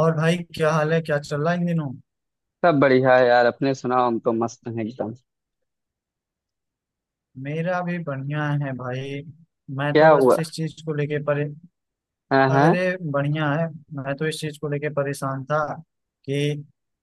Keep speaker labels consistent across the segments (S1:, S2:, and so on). S1: और भाई, क्या हाल है, क्या चल रहा है इन दिनों।
S2: सब बढ़िया है यार। अपने सुनाओ। हम तो मस्त हैं एकदम।
S1: मेरा भी बढ़िया है भाई। मैं तो
S2: क्या हुआ?
S1: बस इस चीज को लेके परे
S2: हाँ हाँ।
S1: अरे, बढ़िया है। मैं तो इस चीज को लेके परेशान था कि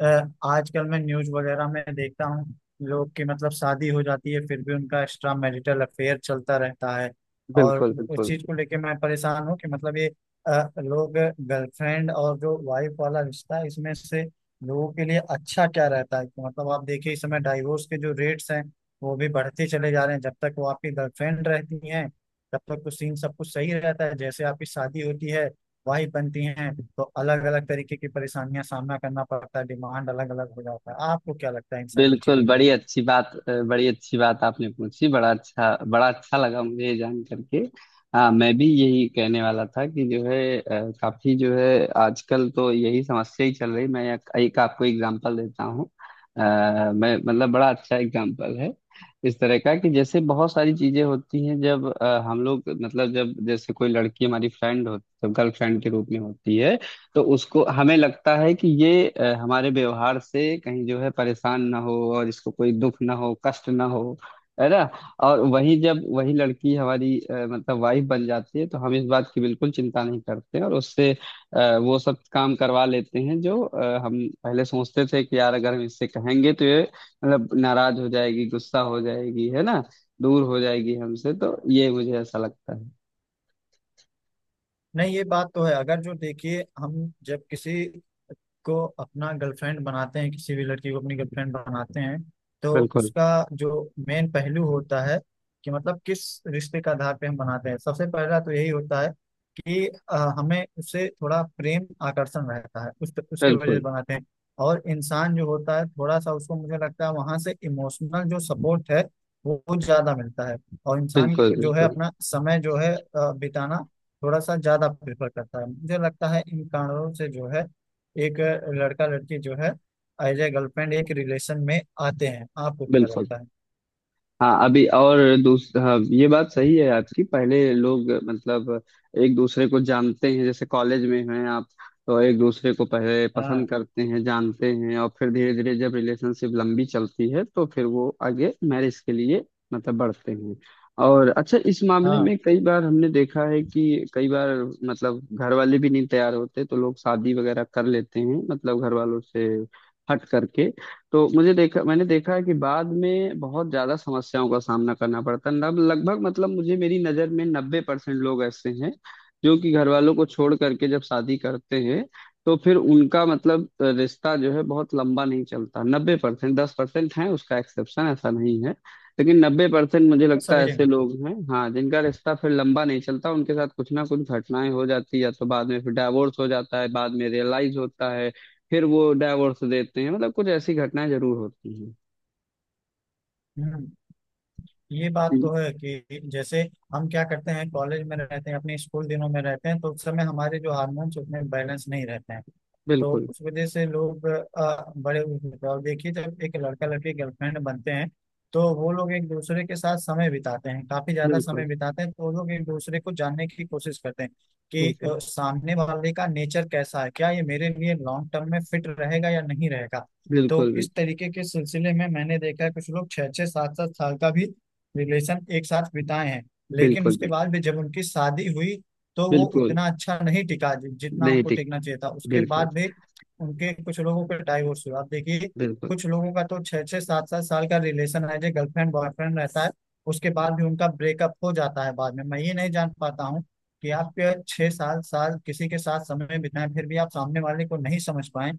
S1: अ, आजकल मैं न्यूज वगैरह में देखता हूँ, लोग की मतलब शादी हो जाती है फिर भी उनका एक्स्ट्रा मैरिटल अफेयर चलता रहता है। और
S2: बिल्कुल
S1: इस
S2: बिल्कुल
S1: चीज को लेके मैं परेशान हूँ कि मतलब ये लोग, गर्लफ्रेंड और जो वाइफ वाला रिश्ता है इसमें से लोगों के लिए अच्छा क्या रहता है। कि मतलब आप देखिए, इस समय डाइवोर्स के जो रेट्स हैं वो भी बढ़ते चले जा रहे हैं। जब तक वो आपकी गर्लफ्रेंड रहती हैं तब तक तो सीन सब कुछ सही रहता है, जैसे आपकी शादी होती है, वाइफ बनती हैं तो अलग अलग तरीके की परेशानियां सामना करना पड़ता है, डिमांड अलग अलग हो जाता है। आपको क्या लगता है इन सभी
S2: बिल्कुल।
S1: चीजों पे?
S2: बड़ी अच्छी बात आपने पूछी। बड़ा अच्छा लगा मुझे ये जान करके। हाँ, मैं भी यही कहने वाला था कि जो है काफी जो है आजकल तो यही समस्या ही चल रही। मैं एक आपको एग्जांपल देता हूँ। अ, मैं मतलब बड़ा अच्छा एग्जांपल है इस तरह का, कि जैसे बहुत सारी चीजें होती हैं जब हम लोग मतलब जब जैसे कोई लड़की हमारी फ्रेंड हो, गर्लफ्रेंड के रूप में होती है, तो उसको हमें लगता है कि ये हमारे व्यवहार से कहीं जो है परेशान ना हो, और इसको कोई दुख ना हो, कष्ट ना हो, है ना। और वही जब वही लड़की हमारी मतलब वाइफ बन जाती है, तो हम इस बात की बिल्कुल चिंता नहीं करते, और उससे वो सब काम करवा लेते हैं, जो हम पहले सोचते थे कि यार अगर हम इससे कहेंगे तो ये मतलब नाराज हो जाएगी, गुस्सा हो जाएगी, है ना, दूर हो जाएगी हमसे। तो ये मुझे ऐसा लगता है।
S1: नहीं, ये बात तो है, अगर जो देखिए, हम जब किसी को अपना गर्लफ्रेंड बनाते हैं, किसी भी लड़की को अपनी गर्लफ्रेंड बनाते हैं, तो
S2: बिल्कुल
S1: उसका जो मेन पहलू होता है कि मतलब किस रिश्ते का आधार पे हम बनाते हैं, सबसे पहला तो यही होता है कि हमें उससे थोड़ा प्रेम आकर्षण रहता है, उस उसके वजह से
S2: बिल्कुल।
S1: बनाते हैं। और इंसान जो होता है थोड़ा सा, उसको मुझे लगता है वहां से इमोशनल जो सपोर्ट है वो ज्यादा मिलता है। और इंसान
S2: बिल्कुल
S1: को जो है
S2: बिल्कुल।
S1: अपना समय जो है बिताना थोड़ा सा ज्यादा प्रेफर करता है। मुझे लगता है इन कारणों से जो है, एक लड़का लड़की जो है एज ए गर्लफ्रेंड एक रिलेशन में आते हैं। आपको क्या
S2: बिल्कुल।
S1: लगता है?
S2: हाँ, अभी और। दूस हाँ, ये बात सही है आपकी। पहले लोग मतलब एक दूसरे को जानते हैं। जैसे कॉलेज में हैं आप, तो एक दूसरे को पहले
S1: हाँ
S2: पसंद करते हैं, जानते हैं, और फिर धीरे धीरे जब रिलेशनशिप लंबी चलती है तो फिर वो आगे मैरिज के लिए मतलब बढ़ते हैं। और अच्छा, इस मामले
S1: हाँ।
S2: में कई बार हमने देखा है कि कई बार मतलब घर वाले भी नहीं तैयार होते, तो लोग शादी वगैरह कर लेते हैं मतलब घर वालों से हट करके। तो मुझे देखा मैंने देखा है कि बाद में बहुत ज्यादा समस्याओं का सामना करना पड़ता है। लगभग मतलब मुझे, मेरी नजर में 90% लोग ऐसे हैं जो कि घर वालों को छोड़ करके जब शादी करते हैं, तो फिर उनका मतलब रिश्ता जो है बहुत लंबा नहीं चलता। 90%, 10% है उसका एक्सेप्शन, ऐसा नहीं है। लेकिन 90% मुझे लगता है
S1: सभी
S2: ऐसे
S1: जगह।
S2: लोग हैं, हाँ, जिनका रिश्ता फिर लंबा नहीं चलता। उनके साथ कुछ ना कुछ घटनाएं हो जाती है, या तो बाद में फिर डाइवोर्स हो जाता है, बाद में रियलाइज होता है, फिर वो डाइवोर्स देते हैं, मतलब कुछ ऐसी घटनाएं जरूर होती हैं।
S1: हम्म। ये बात
S2: जी।
S1: तो है कि जैसे हम क्या करते हैं, कॉलेज में रहते हैं, अपने स्कूल दिनों में रहते हैं, तो उस समय हमारे जो हार्मोन्स उतने बैलेंस नहीं रहते हैं। तो
S2: बिल्कुल
S1: उस वजह से लोग बड़े, और देखिए, जब एक लड़का लड़की गर्लफ्रेंड बनते हैं तो वो लोग एक दूसरे के साथ समय बिताते हैं, काफी ज्यादा समय
S2: बिल्कुल
S1: बिताते हैं, तो वो लोग एक दूसरे को जानने की कोशिश करते हैं कि
S2: बिल्कुल
S1: सामने वाले का नेचर कैसा है, क्या ये मेरे लिए लॉन्ग टर्म में फिट रहेगा या नहीं रहेगा। तो
S2: बिल्कुल
S1: इस
S2: बिल्कुल
S1: तरीके के सिलसिले में मैंने देखा है, कुछ लोग छः छः सात सात साल का भी रिलेशन एक साथ बिताए हैं, लेकिन
S2: बिल्कुल
S1: उसके
S2: बिल्कुल
S1: बाद भी जब उनकी शादी हुई तो वो
S2: बिल्कुल।
S1: उतना अच्छा नहीं टिका जितना
S2: नहीं
S1: उनको
S2: ठीक।
S1: टिकना चाहिए था। उसके
S2: बिल्कुल
S1: बाद भी उनके, कुछ लोगों के डाइवोर्स हुआ, आप देखिए।
S2: बिल्कुल
S1: कुछ लोगों का तो छः छः सात सात साल का रिलेशन है, जो गर्लफ्रेंड बॉयफ्रेंड रहता है, उसके बाद भी उनका ब्रेकअप हो जाता है बाद में। मैं ये नहीं जान पाता हूँ कि आप के छः साल साल किसी के साथ समय बिताएं फिर भी आप सामने वाले को नहीं समझ पाए।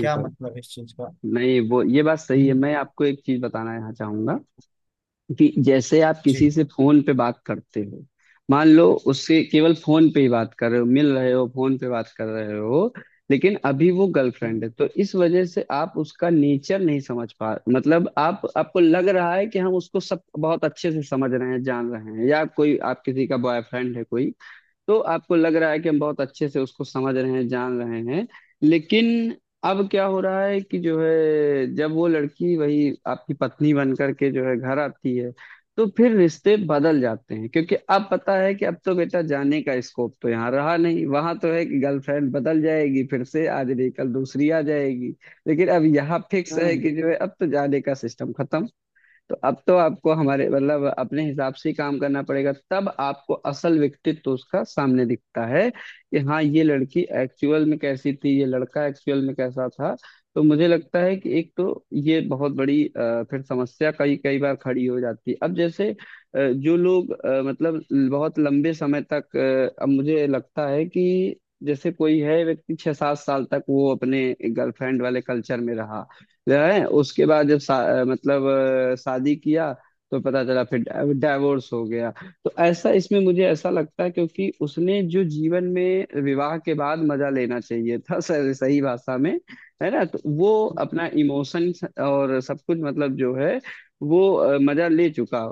S1: क्या मतलब इस चीज का?
S2: नहीं, वो ये बात सही है।
S1: हम्म।
S2: मैं आपको एक चीज बताना यहाँ चाहूंगा कि जैसे आप किसी
S1: जी।
S2: से फोन पे बात करते हो, मान लो उससे केवल फोन पे ही बात कर रहे हो, मिल रहे हो, फोन पे बात कर रहे हो, लेकिन अभी वो गर्लफ्रेंड है। तो इस वजह से आप उसका नेचर नहीं समझ पा मतलब आप आपको लग रहा है कि हम उसको सब बहुत अच्छे से समझ रहे हैं, जान रहे हैं, या कोई आप किसी का बॉयफ्रेंड है कोई, तो आपको लग रहा है कि हम बहुत अच्छे से उसको समझ रहे हैं, जान रहे हैं। लेकिन अब क्या हो रहा है कि जो है जब वो लड़की वही आपकी पत्नी बन करके जो है घर आती है, तो फिर रिश्ते बदल जाते हैं, क्योंकि अब पता है कि अब तो बेटा जाने का स्कोप तो यहाँ रहा नहीं। वहां तो है कि गर्लफ्रेंड बदल जाएगी, फिर से आज नहीं कल दूसरी आ जाएगी। लेकिन अब यहाँ फिक्स है
S1: हम्म।
S2: कि जो है अब तो जाने का सिस्टम खत्म। तो अब तो आपको हमारे मतलब अपने हिसाब से ही काम करना पड़ेगा। तब आपको असल व्यक्तित्व उसका सामने दिखता है कि हाँ, ये लड़की एक्चुअल में कैसी थी, ये लड़का एक्चुअल में कैसा था। तो मुझे लगता है कि एक तो ये बहुत बड़ी फिर समस्या कई कई बार खड़ी हो जाती है। अब जैसे जो लोग मतलब बहुत लंबे समय तक अब मुझे लगता है कि जैसे कोई है व्यक्ति, 6-7 साल तक वो अपने गर्लफ्रेंड वाले कल्चर में रहा, जो है, उसके बाद जब मतलब शादी किया, तो पता चला फिर डाइवोर्स हो गया। तो ऐसा, इसमें मुझे ऐसा लगता है, क्योंकि उसने जो जीवन में विवाह के बाद मजा लेना चाहिए था सही सही भाषा में, है ना, तो वो अपना इमोशन और सब कुछ मतलब जो है वो मजा ले चुका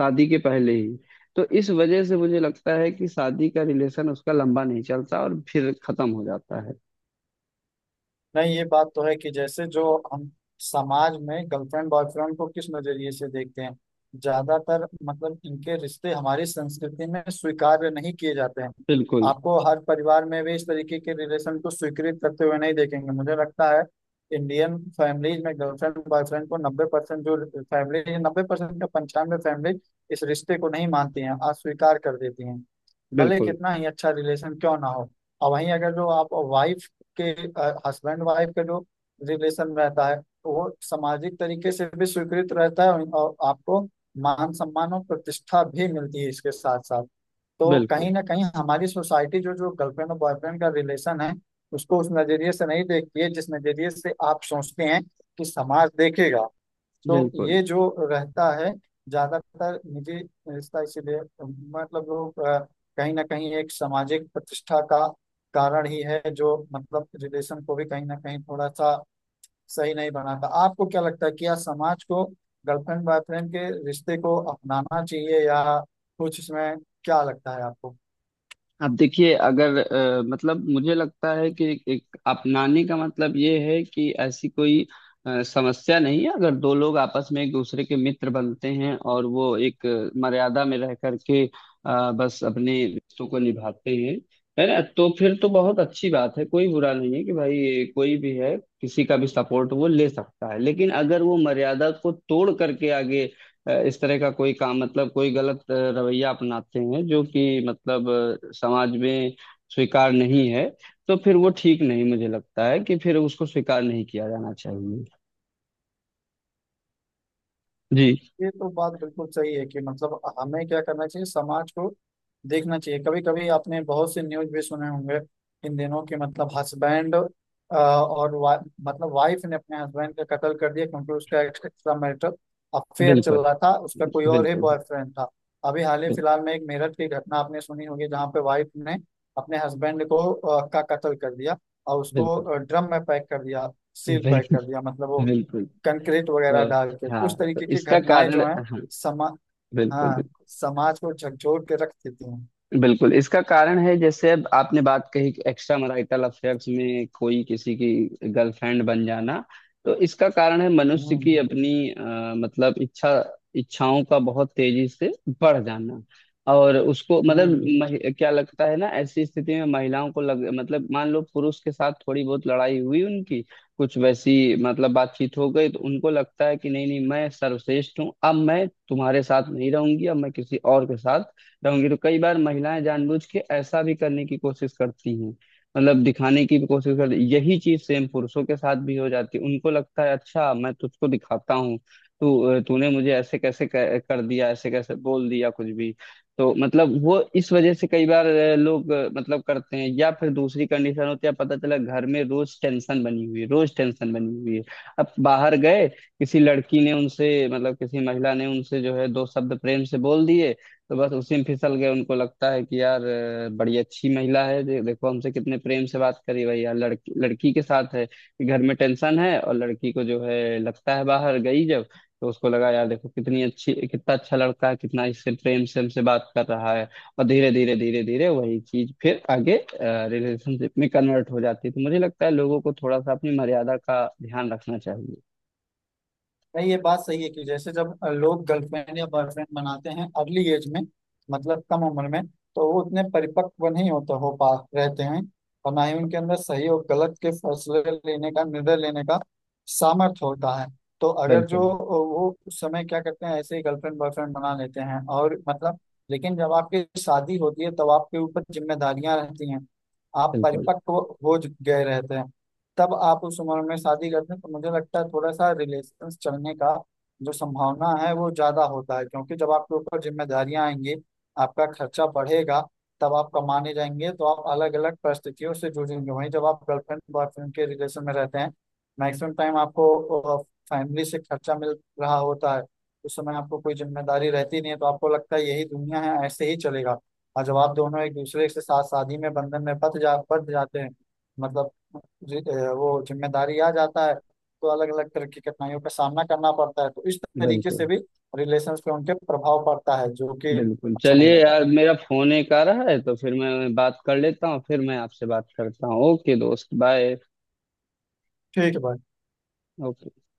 S2: शादी के पहले ही। तो इस वजह से मुझे लगता है कि शादी का रिलेशन उसका लंबा नहीं चलता और फिर खत्म हो जाता है।
S1: नहीं, ये बात तो है कि जैसे जो हम समाज में गर्लफ्रेंड बॉयफ्रेंड को किस नजरिए से देखते हैं, ज्यादातर मतलब इनके रिश्ते हमारी संस्कृति में स्वीकार्य नहीं किए जाते हैं।
S2: बिल्कुल
S1: आपको हर परिवार में भी इस तरीके के रिलेशन को स्वीकृत करते हुए नहीं देखेंगे। मुझे लगता है इंडियन फैमिलीज में गर्लफ्रेंड बॉयफ्रेंड को 90% जो फैमिली, 90% का 95 फैमिली इस रिश्ते को नहीं मानती हैं, अस्वीकार कर देती हैं, भले
S2: बिल्कुल।
S1: कितना ही अच्छा रिलेशन क्यों ना हो। और वहीं अगर जो आप वाइफ के, हस्बैंड वाइफ का जो रिलेशन रहता है, तो वो सामाजिक तरीके से भी स्वीकृत रहता है और आपको मान सम्मान और प्रतिष्ठा भी मिलती है इसके साथ साथ। तो
S2: बिल्कुल
S1: कहीं ना कहीं हमारी सोसाइटी जो, जो गर्लफ्रेंड और बॉयफ्रेंड का रिलेशन है उसको उस नजरिए से नहीं देखती है जिस नजरिए से आप सोचते हैं कि समाज देखेगा। तो
S2: बिल्कुल।
S1: ये जो रहता है ज्यादातर निजी रिश्ता, इसीलिए मतलब लोग, कहीं ना कहीं एक सामाजिक प्रतिष्ठा का कारण ही है जो मतलब रिलेशन को भी कहीं ना कहीं थोड़ा सा सही नहीं बनाता। आपको क्या लगता है कि या समाज को गर्लफ्रेंड बॉयफ्रेंड के रिश्ते को अपनाना चाहिए, या कुछ इसमें, क्या लगता है आपको?
S2: अब देखिए, अगर मतलब मुझे लगता है कि एक अपनाने का मतलब ये है कि ऐसी कोई समस्या नहीं है। अगर दो लोग आपस में एक दूसरे के मित्र बनते हैं, और वो एक मर्यादा में रह करके बस अपने रिश्तों को निभाते हैं, है ना, तो फिर तो बहुत अच्छी बात है। कोई बुरा नहीं है कि भाई कोई भी है किसी का भी सपोर्ट वो ले सकता है। लेकिन अगर वो मर्यादा को तोड़ करके आगे इस तरह का कोई काम, मतलब कोई गलत रवैया अपनाते हैं जो कि मतलब समाज में स्वीकार नहीं है, तो फिर वो ठीक नहीं। मुझे लगता है कि फिर उसको स्वीकार नहीं किया जाना चाहिए। जी।
S1: ये तो बात बिल्कुल सही है कि मतलब हमें क्या करना चाहिए, समाज को देखना चाहिए। कभी कभी आपने बहुत से न्यूज भी सुने होंगे इन दिनों के, मतलब हस्बैंड और मतलब वाइफ ने अपने हस्बैंड का कत्ल कर दिया क्योंकि उसका एक्स्ट्रा मैरिटल अफेयर चल
S2: बिल्कुल
S1: रहा था, उसका कोई और ही
S2: बिल्कुल
S1: बॉयफ्रेंड था। अभी हाल ही
S2: बिल्कुल
S1: फिलहाल में एक मेरठ की घटना आपने सुनी होगी जहाँ पे वाइफ ने अपने हस्बैंड को का कत्ल कर दिया और
S2: बिल्कुल
S1: उसको ड्रम में पैक कर दिया, सील पैक
S2: बिल्कुल
S1: कर दिया, मतलब वो
S2: बिल्कुल।
S1: कंक्रीट वगैरह
S2: तो
S1: डाल के। तो
S2: हाँ,
S1: उस
S2: तो
S1: तरीके की
S2: इसका
S1: घटनाएं
S2: कारण,
S1: जो हैं,
S2: हाँ,
S1: समा
S2: बिल्कुल
S1: हाँ,
S2: बिल्कुल।
S1: समाज को झकझोर के रख देती हैं।
S2: बिल्कुल इसका कारण है, जैसे अब आपने बात कही कि एक्स्ट्रा मैरिटल अफेयर्स में कोई किसी की गर्लफ्रेंड बन जाना, तो इसका कारण है मनुष्य
S1: हम्म।
S2: की अपनी मतलब इच्छा, इच्छाओं का बहुत तेजी से बढ़ जाना। और उसको मतलब
S1: हम्म।
S2: क्या लगता है ना, ऐसी स्थिति में महिलाओं को लग मतलब मान लो पुरुष के साथ थोड़ी बहुत लड़ाई हुई उनकी, कुछ वैसी मतलब बातचीत हो गई, तो उनको लगता है कि नहीं नहीं मैं सर्वश्रेष्ठ हूँ, अब मैं तुम्हारे साथ नहीं रहूंगी, अब मैं किसी और के साथ रहूंगी। तो कई बार महिलाएं जानबूझ के ऐसा भी करने की कोशिश करती हैं, मतलब दिखाने की भी कोशिश करती। यही चीज सेम पुरुषों के साथ भी हो जाती है। उनको लगता है अच्छा मैं तुझको दिखाता हूँ, तू तूने मुझे ऐसे कैसे कर दिया, ऐसे कैसे बोल दिया कुछ भी। तो मतलब वो इस वजह से कई बार लोग मतलब करते हैं। या फिर दूसरी कंडीशन होती है, पता चला घर में रोज टेंशन बनी हुई है, रोज टेंशन बनी हुई है, अब बाहर गए किसी लड़की ने उनसे मतलब किसी महिला ने उनसे जो है दो शब्द प्रेम से बोल दिए, तो बस उसी में फिसल गए। उनको लगता है कि यार बड़ी अच्छी महिला है, देखो हमसे कितने प्रेम से बात करी। भैया लड़की लड़की के साथ है कि घर में टेंशन है, और लड़की को जो है लगता है बाहर गई जब, तो उसको लगा यार देखो कितनी अच्छी, कितना अच्छा लड़का है, कितना इससे प्रेम से हमसे बात कर रहा है। और धीरे धीरे धीरे धीरे वही चीज फिर आगे रिलेशनशिप में कन्वर्ट हो जाती है। तो मुझे लगता है लोगों को थोड़ा सा अपनी मर्यादा का ध्यान रखना चाहिए।
S1: नहीं, ये बात सही है कि जैसे जब लोग गर्लफ्रेंड या बॉयफ्रेंड बनाते हैं अर्ली एज में, मतलब कम उम्र में, तो वो उतने परिपक्व नहीं होते हो पा रहते हैं, और ना ही उनके अंदर सही और गलत के फैसले लेने का, निर्णय लेने का सामर्थ्य होता है। तो अगर जो
S2: बिल्कुल
S1: वो उस समय क्या करते हैं, ऐसे ही गर्लफ्रेंड बॉयफ्रेंड बना लेते हैं, और मतलब, लेकिन जब आपकी शादी होती है तब आपके ऊपर जिम्मेदारियां रहती हैं, आप
S2: बिल्कुल।
S1: परिपक्व हो गए रहते हैं। तब आप उस उम्र में शादी करते हैं तो मुझे लगता है थोड़ा सा रिलेशन चलने का जो संभावना है वो ज्यादा होता है, क्योंकि जब आपके ऊपर जिम्मेदारियां आएंगी, आपका खर्चा बढ़ेगा, तब आप कमाने जाएंगे तो आप अलग अलग परिस्थितियों से जूझेंगे। वहीं जब आप गर्लफ्रेंड बॉयफ्रेंड के रिलेशन में रहते हैं, मैक्सिमम टाइम आपको फैमिली से खर्चा मिल रहा होता है, उस समय आपको कोई जिम्मेदारी रहती नहीं है, तो आपको लगता है यही दुनिया है, ऐसे ही चलेगा। और जब आप दोनों एक दूसरे के साथ शादी में बंधन में बंध जाते हैं, मतलब जी, वो जिम्मेदारी आ जाता है, तो अलग अलग तरह की कठिनाइयों का सामना करना पड़ता है। तो इस तरीके से
S2: बिल्कुल
S1: भी रिलेशंस पे उनके प्रभाव पड़ता है जो कि
S2: बिल्कुल।
S1: अच्छा नहीं
S2: चलिए
S1: रहता।
S2: यार, मेरा फोन एक आ रहा है तो फिर मैं बात कर लेता हूँ, फिर मैं आपसे बात करता हूँ। ओके दोस्त, बाय।
S1: ठीक है भाई।
S2: ओके।